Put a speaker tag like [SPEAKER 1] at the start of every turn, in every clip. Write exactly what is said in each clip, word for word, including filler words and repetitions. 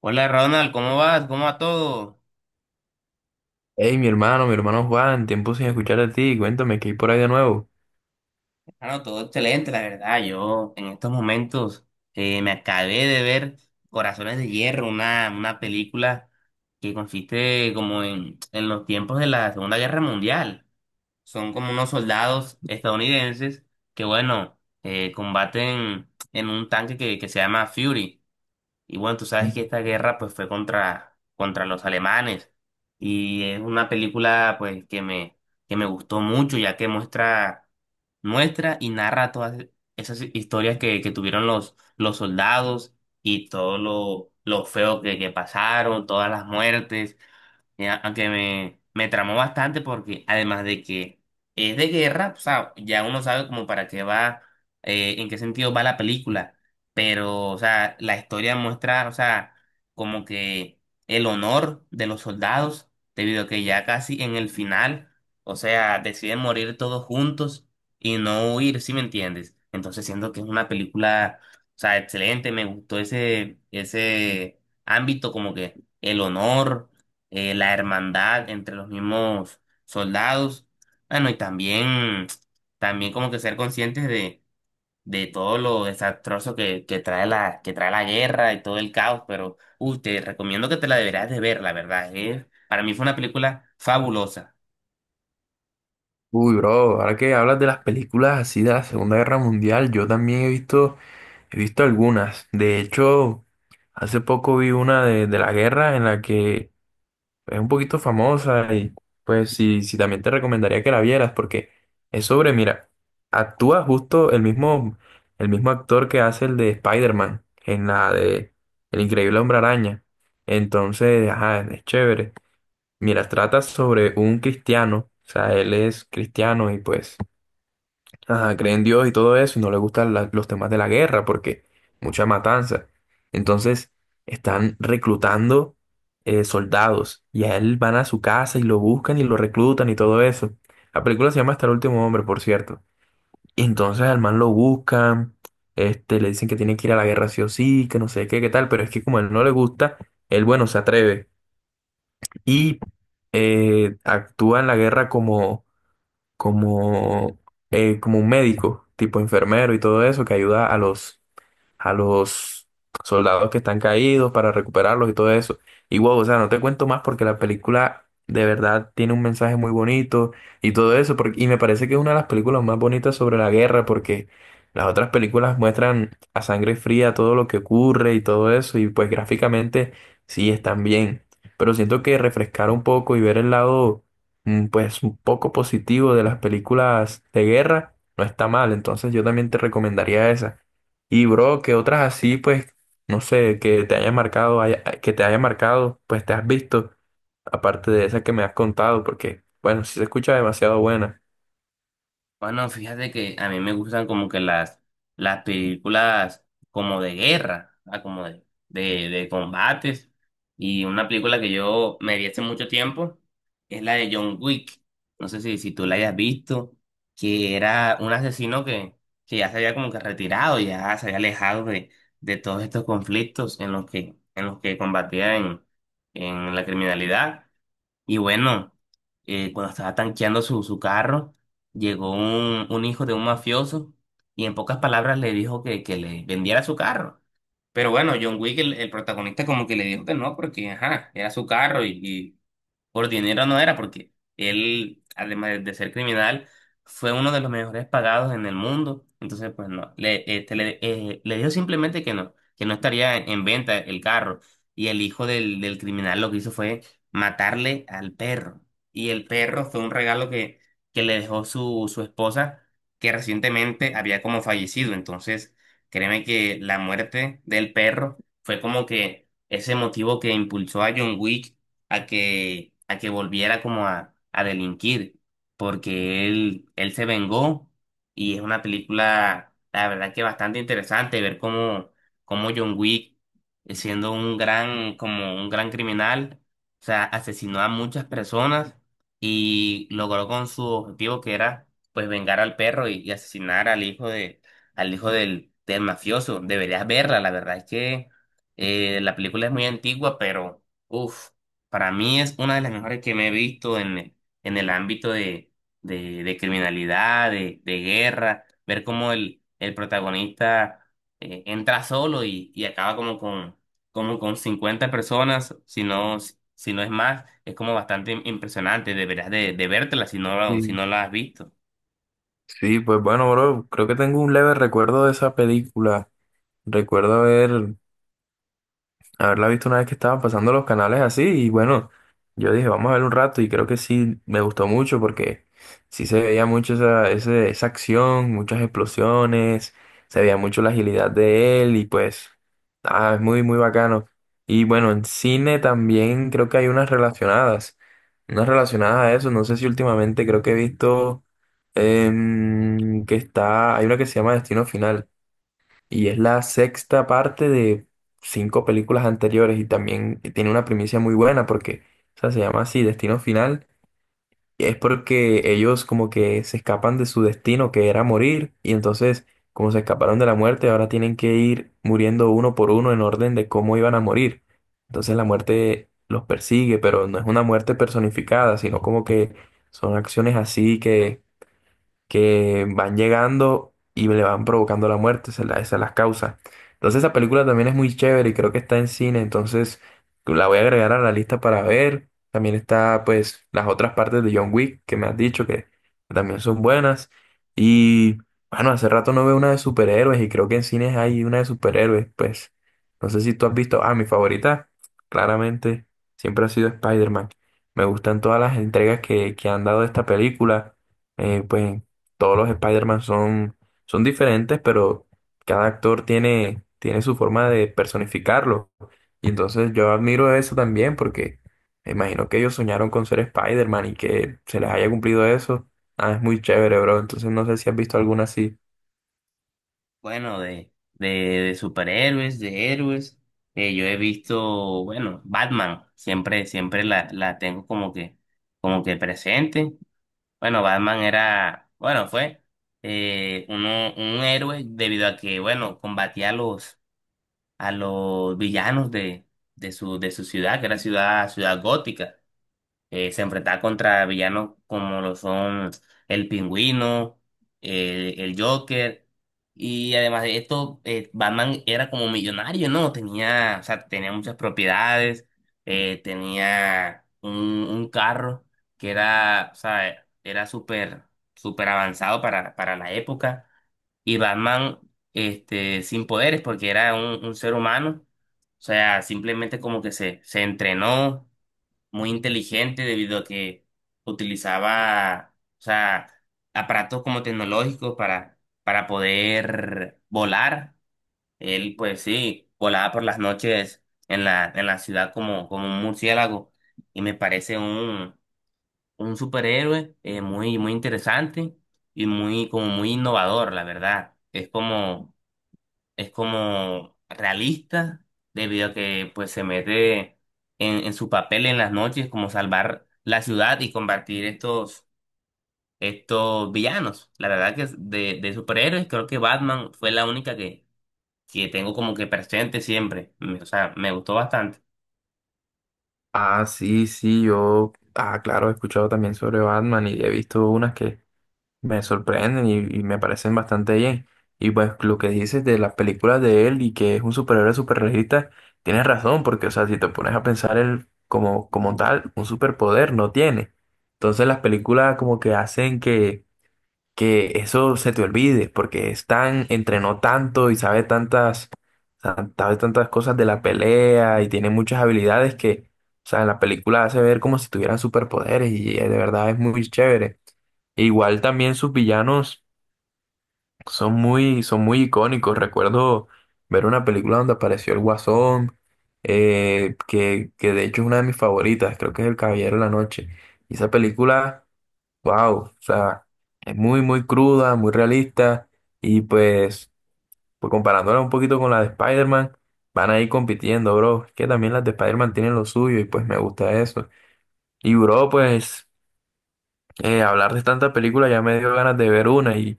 [SPEAKER 1] Hola Ronald, ¿cómo vas? ¿Cómo va todo?
[SPEAKER 2] Hey, mi hermano, mi hermano Juan, tiempo sin escuchar de ti, cuéntame que hay por ahí de nuevo.
[SPEAKER 1] Bueno, todo excelente, la verdad. Yo en estos momentos eh, me acabé de ver Corazones de Hierro, una, una película que consiste como en, en los tiempos de la Segunda Guerra Mundial. Son como unos soldados estadounidenses que, bueno, eh, combaten en un tanque que, que se llama Fury. Y bueno, tú sabes que
[SPEAKER 2] Mm.
[SPEAKER 1] esta guerra pues fue contra, contra los alemanes y es una película pues que me, que me gustó mucho ya que muestra, muestra y narra todas esas historias que, que tuvieron los, los soldados y todo lo, lo feo que, que pasaron, todas las muertes. Eh, aunque me, me tramó bastante porque además de que es de guerra, o sea, ya uno sabe como para qué va, eh, en qué sentido va la película, pero, o sea, la historia muestra, o sea, como que el honor de los soldados, debido a que ya casi en el final, o sea, deciden morir todos juntos y no huir, ¿sí me entiendes? Entonces siento que es una película, o sea, excelente, me gustó ese, ese ámbito como que el honor, eh, la hermandad entre los mismos soldados. Bueno, y también, también como que ser conscientes de, de todo lo desastroso que, que trae la, que trae la guerra y todo el caos, pero uy, te recomiendo que te la deberás de ver, la verdad. eh. Para mí fue una película fabulosa.
[SPEAKER 2] Uy, bro, ahora que hablas de las películas así de la Segunda Guerra Mundial, yo también he visto, he visto algunas. De hecho, hace poco vi una de, de la guerra en la que es un poquito famosa y pues sí, sí también te recomendaría que la vieras porque es sobre, mira, actúa justo el mismo, el mismo actor que hace el de Spider-Man en la de El Increíble Hombre Araña. Entonces, ajá, es chévere. Mira, trata sobre un cristiano, o sea, él es cristiano y pues ajá, cree en Dios y todo eso, y no le gustan la- los temas de la guerra porque mucha matanza. Entonces, están reclutando eh, soldados y a él van a su casa y lo buscan y lo reclutan y todo eso. La película se llama Hasta el último hombre, por cierto. Y entonces al man lo buscan, este, le dicen que tiene que ir a la guerra sí o sí, que no sé qué, qué tal, pero es que como a él no le gusta, él, bueno, se atreve y eh, actúa en la guerra como como, eh, como un médico, tipo enfermero y todo eso, que ayuda a los, a los soldados que están caídos para recuperarlos y todo eso. Y wow, o sea, no te cuento más porque la película de verdad tiene un mensaje muy bonito y todo eso, porque, y me parece que es una de las películas más bonitas sobre la guerra porque las otras películas muestran a sangre fría todo lo que ocurre y todo eso y pues gráficamente sí están bien, pero siento que refrescar un poco y ver el lado mm, pues un poco positivo de las películas de guerra no está mal, entonces yo también te recomendaría esa. Y bro, que otras así, pues, no sé, que te haya marcado, haya- que te haya marcado, pues te has visto, aparte de esas que me has contado, porque, bueno, sí se escucha demasiado buena.
[SPEAKER 1] Bueno, fíjate que a mí me gustan como que las, las películas como de guerra, ah, como de, de, de combates. Y una película que yo me vi hace mucho tiempo es la de John Wick. No sé si, si tú la hayas visto, que era un asesino que, que ya se había como que retirado, ya se había alejado de, de todos estos conflictos en los que, en los que combatía en, en la criminalidad. Y bueno, eh, cuando estaba tanqueando su, su carro, llegó un, un hijo de un mafioso y en pocas palabras le dijo que, que le vendiera su carro. Pero bueno, John Wick, el, el protagonista, como que le dijo que no, porque ajá, era su carro y, por dinero no era, porque él, además de ser criminal, fue uno de los mejores pagados en el mundo. Entonces, pues no, le, este, le, eh, le dijo simplemente que no, que no estaría en venta el carro. Y el hijo del, del criminal lo que hizo fue matarle al perro. Y el perro fue un regalo que, que le dejó su, su esposa, que recientemente había como fallecido. Entonces, créeme que la muerte del perro fue como que ese motivo que impulsó a John Wick a que, a que volviera como a, a delinquir, porque él, él se vengó y es una película, la verdad que bastante interesante ver cómo, cómo John Wick, eh, siendo un gran, como un gran criminal, o sea, asesinó a muchas personas y logró con su objetivo que era pues vengar al perro y, y asesinar al hijo de, al hijo del, del mafioso. Deberías verla, la verdad es que eh, la película es muy antigua, pero... uff, para mí es una de las mejores que me he visto en, en el ámbito de, de, de criminalidad, de, de guerra, ver cómo el, el protagonista eh, entra solo y, y acaba como con, como con cincuenta personas, si no, si no es más, es como bastante impresionante, deberías de, de vértela si no, la- si
[SPEAKER 2] Sí.
[SPEAKER 1] no la has visto.
[SPEAKER 2] Sí, pues bueno, bro, creo que tengo un leve recuerdo de esa película. Recuerdo haber haberla visto una vez que estaban pasando los canales así y bueno, yo dije, vamos a ver un rato y creo que sí, me gustó mucho porque sí se veía mucho esa, ese- esa acción, muchas explosiones, se veía mucho la agilidad de él y pues, ah, es muy, muy bacano. Y bueno, en cine también creo que hay unas relacionadas, unas relacionadas a eso, no sé si últimamente creo que he visto em, que está, hay una que se llama Destino Final. Y es la sexta parte de cinco películas anteriores y también tiene una primicia muy buena porque, o sea, se llama así, Destino Final. Y es porque ellos como que se escapan de su destino, que era morir, y entonces como se escaparon de la muerte, ahora tienen que ir muriendo uno por uno en orden de cómo iban a morir. Entonces la muerte los persigue, pero no es una muerte personificada, sino como que son acciones así que que van llegando y le van provocando la muerte, esa es la, esa es la causa. Entonces esa película también es muy chévere y creo que está en cine, entonces la voy a agregar a la lista para ver. También está pues las otras partes de John Wick que me has dicho que también son buenas. Y bueno, hace rato no veo una de superhéroes y creo que en cines hay una de superhéroes, pues no sé si tú has visto, ah, mi favorita, claramente, siempre ha sido Spider-Man. Me gustan todas las entregas que, que han dado de esta película. Eh, pues todos los Spider-Man son, son diferentes, pero cada actor tiene, tiene su forma de personificarlo. Y entonces yo admiro eso también porque me imagino que ellos soñaron con ser Spider-Man y que se les haya cumplido eso. Ah, es muy chévere, bro. Entonces no sé si has visto alguna así.
[SPEAKER 1] Bueno, de, de, de superhéroes, de héroes, eh, yo he visto, bueno, Batman, siempre, siempre la, la tengo como que, como que presente. Bueno, Batman era, bueno, fue eh, uno, un héroe debido a que, bueno, combatía a los, a los villanos de, de su, de su ciudad, que era ciudad, ciudad gótica, eh, se enfrentaba contra villanos como lo son el Pingüino, eh, el Joker, y además de esto, eh, Batman era como millonario, ¿no? Tenía, o sea, tenía muchas propiedades, eh, tenía un, un carro que era, o sea, era súper, súper avanzado para, para la época, y Batman, este, sin poderes, porque era un, un ser humano, o sea, simplemente como que se, se entrenó muy inteligente debido a que utilizaba, o sea, aparatos como tecnológicos para, para poder volar. Él, pues sí, volaba por las noches en la, en la ciudad como, como un murciélago y me parece un, un superhéroe, eh, muy, muy interesante y muy, como muy innovador, la verdad. Es como es como realista, debido a que pues se mete en, en su papel en las noches como salvar la ciudad y combatir estos, estos villanos. La verdad que es de, de superhéroes creo que Batman fue la única que, que tengo como que presente siempre. Me- O sea, me gustó bastante.
[SPEAKER 2] Ah, sí, sí, yo, ah, claro, he escuchado también sobre Batman y he visto unas que me sorprenden y, y me parecen bastante bien. Y pues lo que dices de las películas de él y que es un superhéroe superregista tienes razón, porque o sea, si te pones a pensar él como, como tal, un superpoder no tiene. Entonces las películas como que hacen que, que eso se te olvide, porque es tan, entrenó tanto y sabe tantas, tan- sabe tantas cosas de la pelea y tiene muchas habilidades que, o sea, en la película hace ver como si tuvieran superpoderes y eh, de verdad es muy chévere. E igual también sus villanos son muy, son muy icónicos. Recuerdo ver una película donde apareció el Guasón, eh, que, que de hecho es una de mis favoritas, creo que es El Caballero de la Noche. Y esa película, wow, o sea, es muy, muy cruda, muy realista. Y pues, pues comparándola un poquito con la de Spider-Man, van a ir compitiendo, bro. Es que también las de Spider-Man tienen lo suyo y pues me gusta eso. Y bro, pues eh, hablar de tanta película ya me dio ganas de ver una y…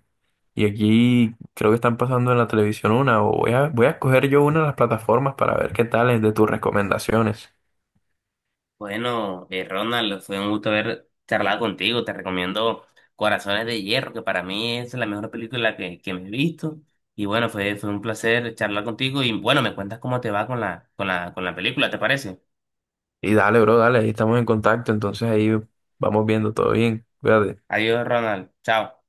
[SPEAKER 2] Y aquí creo que están pasando en la televisión una, o voy a, voy a escoger yo una de las plataformas para ver qué tal es de tus recomendaciones.
[SPEAKER 1] Bueno, eh, Ronald, fue un gusto haber charlado contigo. Te recomiendo Corazones de Hierro, que para mí es la mejor película que, que me he visto. Y bueno, fue, fue un placer charlar contigo. Y bueno, me cuentas cómo te va con la, con la, con la película, ¿te parece?
[SPEAKER 2] Y dale, bro, dale, ahí estamos en contacto, entonces ahí vamos viendo todo bien. Cuídate.
[SPEAKER 1] Adiós, Ronald. Chao.